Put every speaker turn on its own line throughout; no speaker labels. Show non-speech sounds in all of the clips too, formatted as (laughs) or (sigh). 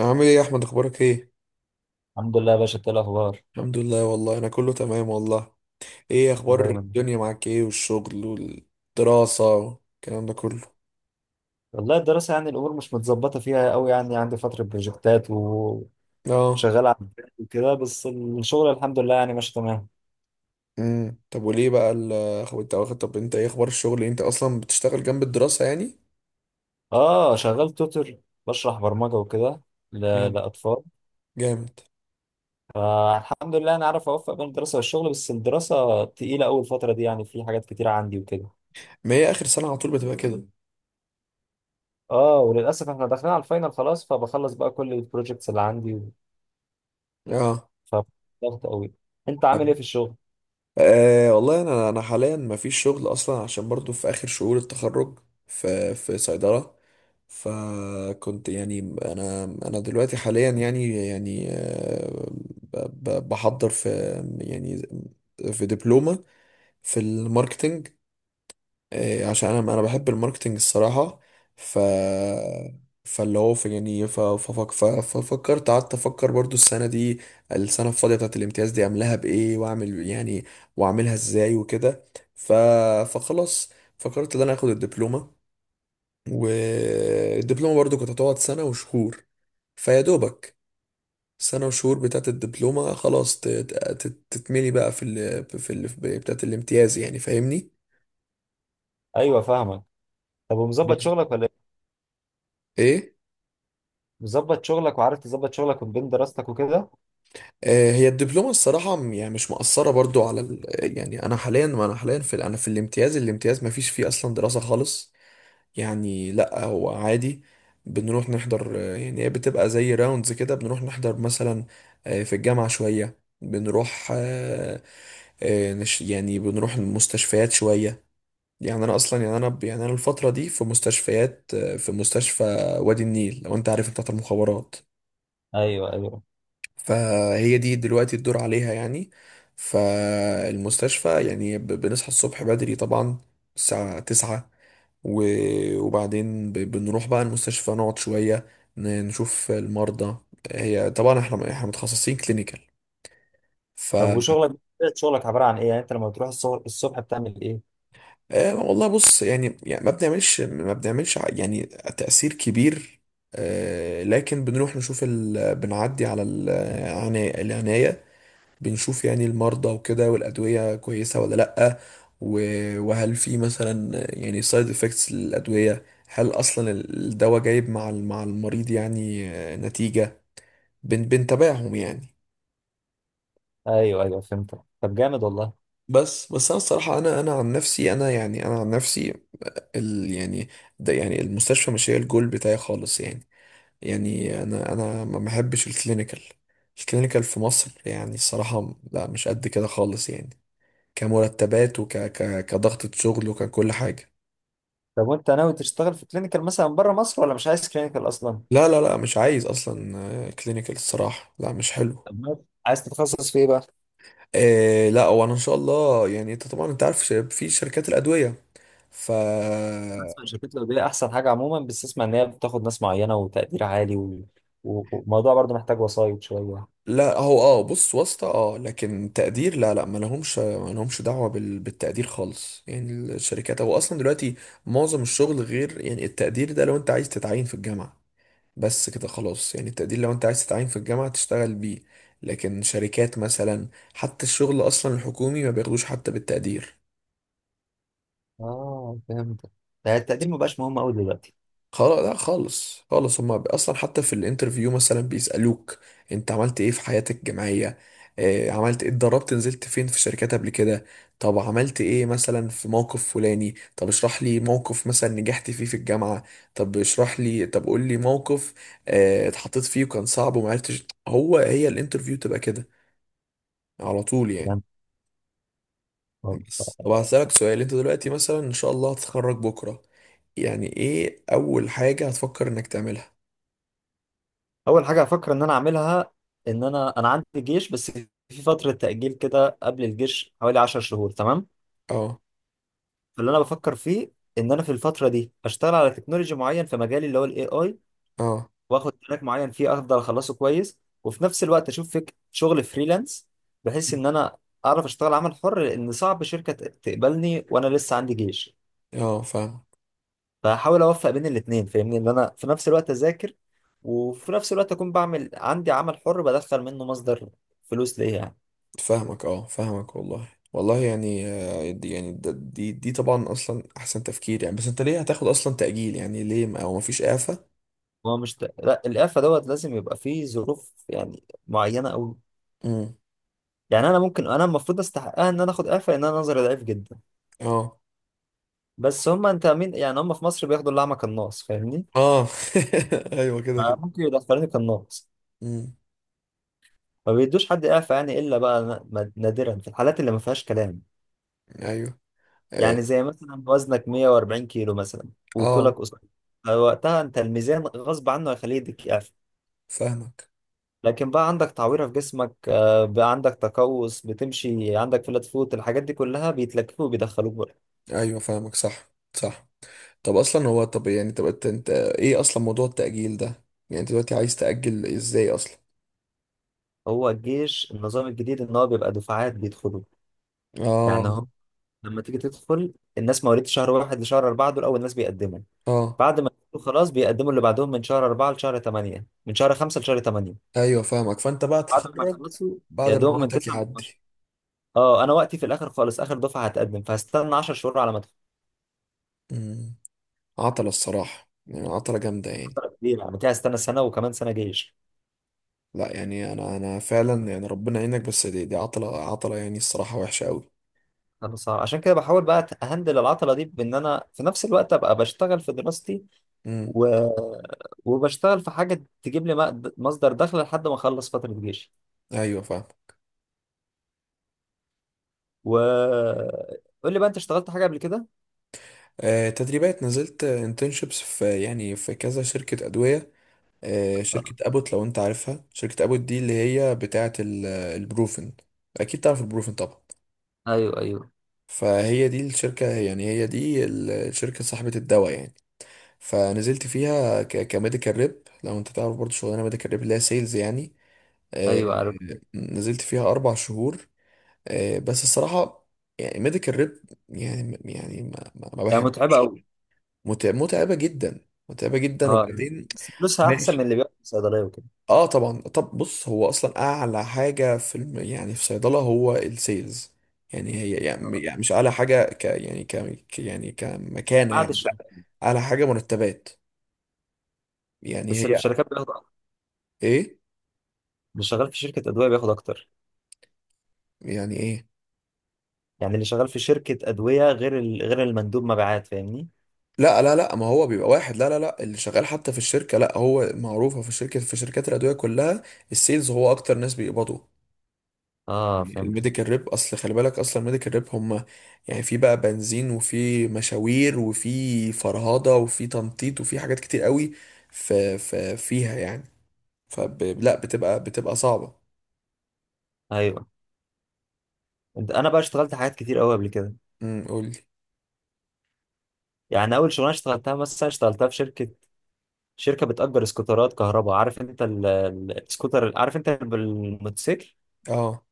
عامل ايه يا احمد، اخبارك ايه؟
الحمد لله يا باشا، إنت إيه الاخبار؟
الحمد لله والله، انا كله تمام والله. ايه اخبار
دايما.
الدنيا معاك؟ ايه والشغل والدراسة والكلام ده كله؟
والله الدراسه يعني الامور مش متظبطه فيها قوي، يعني عندي فتره بروجكتات وشغال
اه.
على البيت وكده. بس الشغل الحمد لله يعني ماشي تمام.
طب وليه بقى اخو انت واخد طب، انت ايه اخبار الشغل؟ انت اصلا بتشتغل جنب الدراسة يعني.
اه شغال توتر، بشرح برمجه وكده
جامد.
لاطفال.
جامد.
فالحمد لله انا عارف اوفق بين الدراسه والشغل، بس الدراسه تقيله اول فتره دي، يعني في حاجات كتيره عندي وكده.
ما هي اخر سنة على طول بتبقى كده.
اه وللاسف احنا داخلين على الفاينل خلاص، فبخلص بقى كل البروجكتس اللي عندي،
اه.
فضغط قوي. انت عامل ايه في الشغل؟
أه والله، انا حاليا ما فيش شغل اصلا، عشان برضو في اخر شهور التخرج في صيدله. فكنت يعني، انا دلوقتي حاليا، يعني، بحضر في، يعني، في دبلومه في الماركتنج. إيه، عشان انا بحب الماركتنج الصراحه. ف، فاللي هو في، يعني، ففكرت قعدت افكر برضو السنه دي، السنه الفاضيه بتاعت الامتياز دي، اعملها بايه، واعمل يعني، واعملها ازاي وكده. ف، فخلاص، فكرت ان انا اخد الدبلومه. والدبلومه برضو كانت هتقعد سنه وشهور. فيا دوبك سنه وشهور بتاعت الدبلومه خلاص تتملي بقى بتاعت الامتياز، يعني فاهمني؟
ايوه فاهمك. طب ومظبط
بس
شغلك ولا؟
ايه؟
مظبط شغلك وعارف تظبط شغلك من بين دراستك وكده؟
هي الدبلومة الصراحة، يعني مش مأثرة برضو على ال... يعني أنا حاليا، ما أنا حاليا في ال- أنا في الامتياز، الامتياز ما فيش فيه أصلا دراسة خالص. يعني لأ، هو عادي. بنروح نحضر، يعني هي بتبقى زي راوندز كده، بنروح نحضر مثلا، في الجامعة شوية، بنروح، يعني بنروح المستشفيات شوية. يعني أنا أصلا، يعني يعني أنا الفترة دي في مستشفيات، في مستشفى وادي النيل، لو أنت عارف، بتاعت المخابرات.
ايوه ايوه.
فهي دي دلوقتي الدور عليها يعني. فالمستشفى يعني، بنصحى الصبح بدري طبعا، الساعة تسعة، و وبعدين بنروح بقى المستشفى، نقعد شوية، نشوف المرضى. هي طبعا احنا متخصصين كلينيكال. ف،
طب وشغلك، طبيعة شغلك عبارة عن ايه؟ يعني انت لما بتروح الصبح، بتعمل ايه؟
والله بص يعني، يعني ما بنعملش يعني تأثير كبير. لكن بنروح نشوف ال... بنعدي على العناية، بنشوف يعني المرضى وكده، والأدوية كويسة ولا لأ، و- وهل في مثلا، يعني، سايد افكتس للأدوية؟ هل أصلا الدواء جايب مع مع المريض، يعني، نتيجة؟ بنتابعهم يعني.
ايوه ايوه فهمتك. طب جامد والله.
بس انا الصراحه، انا عن نفسي، انا، يعني، انا عن نفسي، ال يعني ده، يعني المستشفى مش هي الجول بتاعي خالص يعني. يعني انا ما بحبش الكلينيكال. الكلينيكال في مصر يعني الصراحه لا، مش قد كده خالص يعني، كمرتبات كضغطة شغل وككل حاجة.
طب وانت ناوي تشتغل في كلينيكال مثلا بره مصر، ولا مش عايز كلينيكال اصلا؟
لا، مش عايز اصلا كلينيكال الصراحة، لا مش حلو.
طب عايز تتخصص في ايه بقى؟
إيه لا، وانا ان شاء الله يعني، انت طبعا انت عارف، في شركات الادوية. ف،
اسمع، شركات الادويه احسن حاجه عموما، بس اسمع ان هي بتاخد ناس معينه وتقدير عالي و... وموضوع برضه محتاج وسايط شويه.
لا هو اه بص، واسطة اه، لكن تقدير لا، ما لهمش دعوة بال... بالتقدير خالص يعني. الشركات، هو اصلا دلوقتي معظم الشغل، غير يعني التقدير ده، لو انت عايز تتعين في الجامعة، بس كده خلاص، يعني التقدير لو انت عايز تتعين في الجامعة تشتغل بيه. لكن شركات مثلا، حتى الشغل اصلا الحكومي ما بياخدوش حتى بالتقدير.
اه فهمت. يعني التقدير ما بقاش مهم قوي دلوقتي.
خلاص لا، خالص، هما اصلا حتى في الانترفيو مثلا بيسألوك: انت عملت ايه في حياتك الجامعية؟ عملت ايه؟ اتدربت؟ نزلت فين؟ في شركات قبل كده؟ طب عملت ايه مثلا في موقف فلاني؟ طب اشرح لي موقف مثلا نجحت فيه في الجامعة، طب اشرح لي، طب قول لي موقف اتحطيت فيه وكان صعب وما عرفتش. هي الانترفيو تبقى كده على طول يعني.
فهمت.
بس طب هسألك سؤال: انت دلوقتي، مثلا ان شاء الله هتتخرج بكرة، يعني ايه اول حاجة هتفكر انك تعملها؟
اول حاجه هفكر ان انا اعملها، ان انا عندي جيش، بس في فتره تاجيل كده قبل الجيش حوالي 10 شهور تمام.
اه.
فاللي انا بفكر فيه ان انا في الفتره دي اشتغل على تكنولوجي معين في مجالي اللي هو الاي اي.
اه.
واخد تراك معين فيه، افضل اخلصه كويس، وفي نفس الوقت اشوف فيك شغل فريلانس، بحيث ان انا اعرف اشتغل عمل حر، لان صعب شركه تقبلني وانا لسه عندي جيش.
اه فاهمك.
فهحاول اوفق بين الاثنين فاهمني، ان انا في نفس الوقت اذاكر، وفي نفس الوقت اكون بعمل عندي عمل حر بدخل منه مصدر فلوس ليا يعني.
فاهمك. اه فاهمك والله، والله يعني، دي يعني دي طبعا اصلا احسن تفكير يعني. بس انت ليه هتاخد اصلا تأجيل؟ يعني ليه، ما او مفيش إعفاء؟
هو مش ت... لا الإعفاء دوت لازم يبقى فيه ظروف يعني معينة أوي.
امم
يعني أنا ممكن، أنا المفروض أستحقها إن أنا آخد إعفاء لأن أنا نظري ضعيف جدا.
اه.
بس هما أنت مين؟ يعني هما في مصر بياخدوا الأعمى كالناص، فاهمني؟
اه. (laughs) ايوه كده كده.
فممكن يدخلوني كالناص،
امم
ما بيدوش حد إعفاء يعني، إلا بقى نادرا في الحالات اللي ما فيهاش كلام.
ايوه. اه.
يعني زي مثلا وزنك 140 كيلو مثلا وطولك
آه،
قصير، فوقتها أنت الميزان غصب عنه هيخليه يديك إعفاء.
فاهمك.
لكن بقى عندك تعويرة في جسمك، بقى عندك تقوس، بتمشي عندك فلات فوت، الحاجات دي كلها بيتلكفوا وبيدخلوك بقى.
ايوه فاهمك، صح صح. طب اصلا هو، طب يعني، طب انت، انت ايه اصلا موضوع التأجيل ده؟ يعني انت دلوقتي عايز تأجل ازاي اصلا؟
هو الجيش النظام الجديد ان هو بيبقى دفعات بيدخلوا. يعني
اه.
هو لما تيجي تدخل، الناس مواليد شهر واحد لشهر أربعة دول أول ناس بيقدموا.
اه.
بعد ما يدخلوا خلاص بيقدموا اللي بعدهم، من شهر أربعة لشهر تمانية، من شهر خمسة لشهر تمانية،
ايوه فاهمك. فانت بقى
بعد ما
تتخرج
يخلصوا يا
بعد ما
دوب من
وقتك
تسعة ل 12.
يعدي.
اه انا وقتي في الاخر خالص، اخر دفعه هتقدم، فهستنى 10 شهور على ما ادخل.
امم عطلة الصراحة، يعني عطلة جامدة يعني.
فترة كبيرة، يعني كده هستنى سنه وكمان سنه جيش.
لا، يعني انا فعلا، يعني ربنا يعينك، بس دي عطلة، عطلة يعني الصراحة وحشة قوي.
انا صعب عشان كده، بحاول بقى اهندل العطله دي، بان انا في نفس الوقت ابقى بشتغل في دراستي،
امم
و... وبشتغل في حاجه تجيب لي مصدر دخل لحد ما اخلص فتره جيشي.
ايوه فاهم.
و قول لي بقى، انت اشتغلت حاجه قبل كده؟
آه، تدريبات، نزلت انترنشيبس في، يعني في كذا شركة أدوية.
آه.
شركة أبوت، لو أنت عارفها، شركة أبوت دي اللي هي بتاعة البروفن. أكيد تعرف البروفن طبعا.
ايوه ايوه.
فهي دي الشركة يعني، هي دي الشركة صاحبة الدواء يعني. فنزلت فيها كميديكال ريب، لو أنت تعرف برضو شغلانة ميديكال ريب، اللي هي سيلز يعني. آه،
ايوه عارف.
نزلت فيها أربع شهور، بس الصراحة، يعني ميديكال ريب يعني، يعني ما
هي
بحب.
متعبه قوي.
متعبة جدا. متعبة جدا،
اه
وبعدين
بس فلوسها احسن من
ماشي.
اللي بياخد في الصيدليه وكده.
اه طبعا. طب بص، هو اصلا اعلى حاجه في الم... يعني في صيدله هو السيلز. يعني هي يعني، يعني مش اعلى حاجه ك، يعني ك، يعني كمكانه
بعد
يعني لا،
الشركه.
اعلى حاجه مرتبات. يعني
بس اللي في
هي،
الشركات بياخد اكتر.
ايه.
اللي شغال في شركه ادويه بياخد اكتر.
يعني ايه.
يعني اللي شغال في شركه ادويه غير غير المندوب مبيعات، فاهمني.
لا، ما هو بيبقى واحد، لا، اللي شغال حتى في الشركه، لا هو معروفه، في الشركه في شركات الادويه كلها السيلز هو اكتر ناس بيقبضوا.
اه فهمت.
الميديكال ريب، اصل خلي بالك اصلا الميديكال ريب، هم يعني في بقى بنزين، وفي مشاوير، وفي فرهضه، وفي تنطيط، وفي حاجات كتير قوي. ف، ف فيها يعني، لا، بتبقى صعبه.
ايوه. انا بقى اشتغلت حاجات كتير قوي قبل كده.
قول لي.
يعني اول شغلانه اشتغلتها مثلا، اشتغلتها في شركه بتأجر سكوترات كهرباء. عارف انت السكوتر؟ عارف انت بالموتوسيكل،
اه.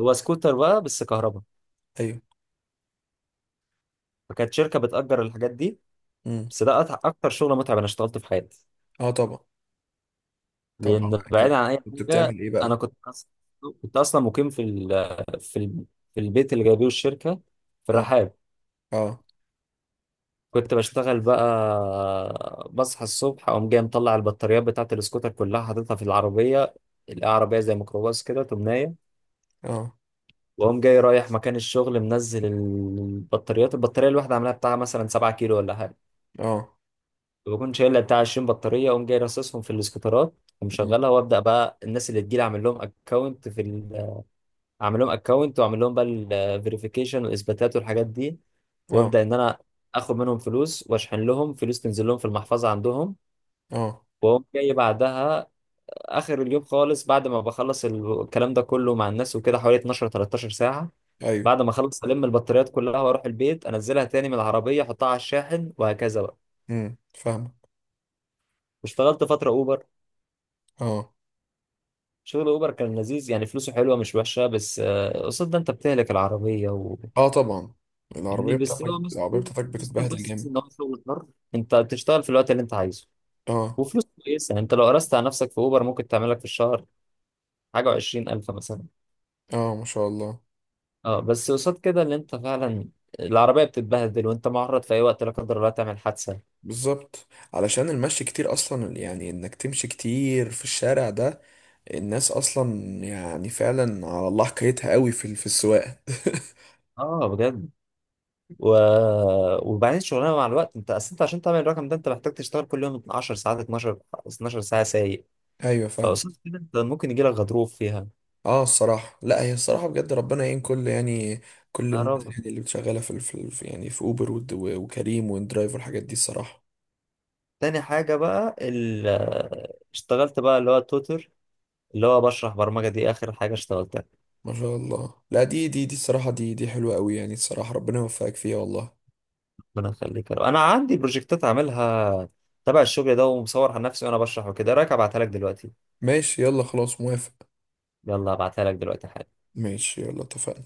هو سكوتر بقى بس كهرباء.
ايوه.
فكانت شركه بتأجر الحاجات دي.
امم
بس ده اكتر شغل متعب انا اشتغلته في حياتي.
اه طبعا. طبعا
لان
بعد
بعيد
كده،
عن اي
كنت
حاجه،
بتعمل ايه
انا
بقى؟
كنت كنت اصلا مقيم في ال في البيت اللي جايبيه الشركه في
اه.
الرحاب.
اه.
كنت بشتغل بقى، بصحى الصبح اقوم جاي مطلع البطاريات بتاعت السكوتر كلها، حاططها في العربيه. العربيه زي ميكروباص كده تمنايه.
اه.
واقوم جاي رايح مكان الشغل، منزل البطاريات، البطاريه الواحده عاملاها بتاع مثلا 7 كيلو ولا حاجه.
اه.
بكون شايل لها بتاع 20 بطاريه، اقوم جاي راصصهم في الاسكوترات
مم.
ومشغلها. وابدا بقى الناس اللي تجيلي اعمل لهم اكونت اعمل لهم اكونت، واعمل لهم بقى الفيريفيكيشن والاثباتات والحاجات دي.
اه.
وابدا ان انا اخد منهم فلوس واشحن لهم فلوس تنزل لهم في المحفظه عندهم.
اه.
واقوم جاي بعدها اخر اليوم خالص، بعد ما بخلص الكلام ده كله مع الناس وكده، حوالي 12 13 ساعه.
ايوه.
بعد ما اخلص البطاريات كلها، واروح البيت انزلها تاني من العربيه، احطها على الشاحن وهكذا بقى.
فاهمك.
واشتغلت فتره اوبر.
اه.
شغل اوبر كان لذيذ يعني، فلوسه حلوه مش وحشه، بس قصاد ده انت بتهلك العربيه
اه طبعا.
يعني.
العربيه
بس
بتاعتك،
هو
العربيه
مستو
بتاعتك
مستو
بتتبهدل
بس ان
جامد.
هو شغل حر، انت بتشتغل في الوقت اللي انت عايزه.
اه.
وفلوس كويسه، يعني انت لو قرست على نفسك في اوبر ممكن تعمل لك في الشهر حاجه و20000 مثلا.
اه ما شاء الله.
اه بس قصاد كده اللي انت فعلا العربية بتتبهدل، وانت معرض في اي وقت لا قدر الله تعمل حادثة.
بالظبط، علشان المشي كتير اصلا، يعني انك تمشي كتير في الشارع ده. الناس اصلا، يعني فعلا على الله حكايتها قوي في في السواقه.
اه بجد. و... وبعدين شغلانة مع الوقت، انت اصل انت عشان تعمل الرقم ده انت محتاج تشتغل كل يوم 10 ساعات، 12 ساعة سايق.
(laughs) ايوه فاهم.
فقصاد كده انت ممكن يجيلك غضروف فيها.
اه الصراحه، لا هي الصراحه بجد، ربنا يعين كل، يعني كل
يا
الناس،
رب.
يعني اللي شغاله في يعني في اوبر، وكريم وندرايف والحاجات دي الصراحه.
تاني حاجة بقى اشتغلت بقى اللي هو توتر، اللي هو بشرح برمجة. دي آخر حاجة اشتغلتها.
ما شاء الله، لا دي الصراحه، دي حلوه قوي يعني الصراحه، ربنا يوفقك فيها والله.
ربنا يخليك يا رب. أنا عندي بروجكتات عاملها تبع الشغل ده ومصور على نفسي وأنا بشرح وكده، إيه رأيك أبعتها لك دلوقتي؟
ماشي، يلا خلاص موافق.
يلا ابعتها لك دلوقتي حالا.
ماشي يلا، اتفقنا.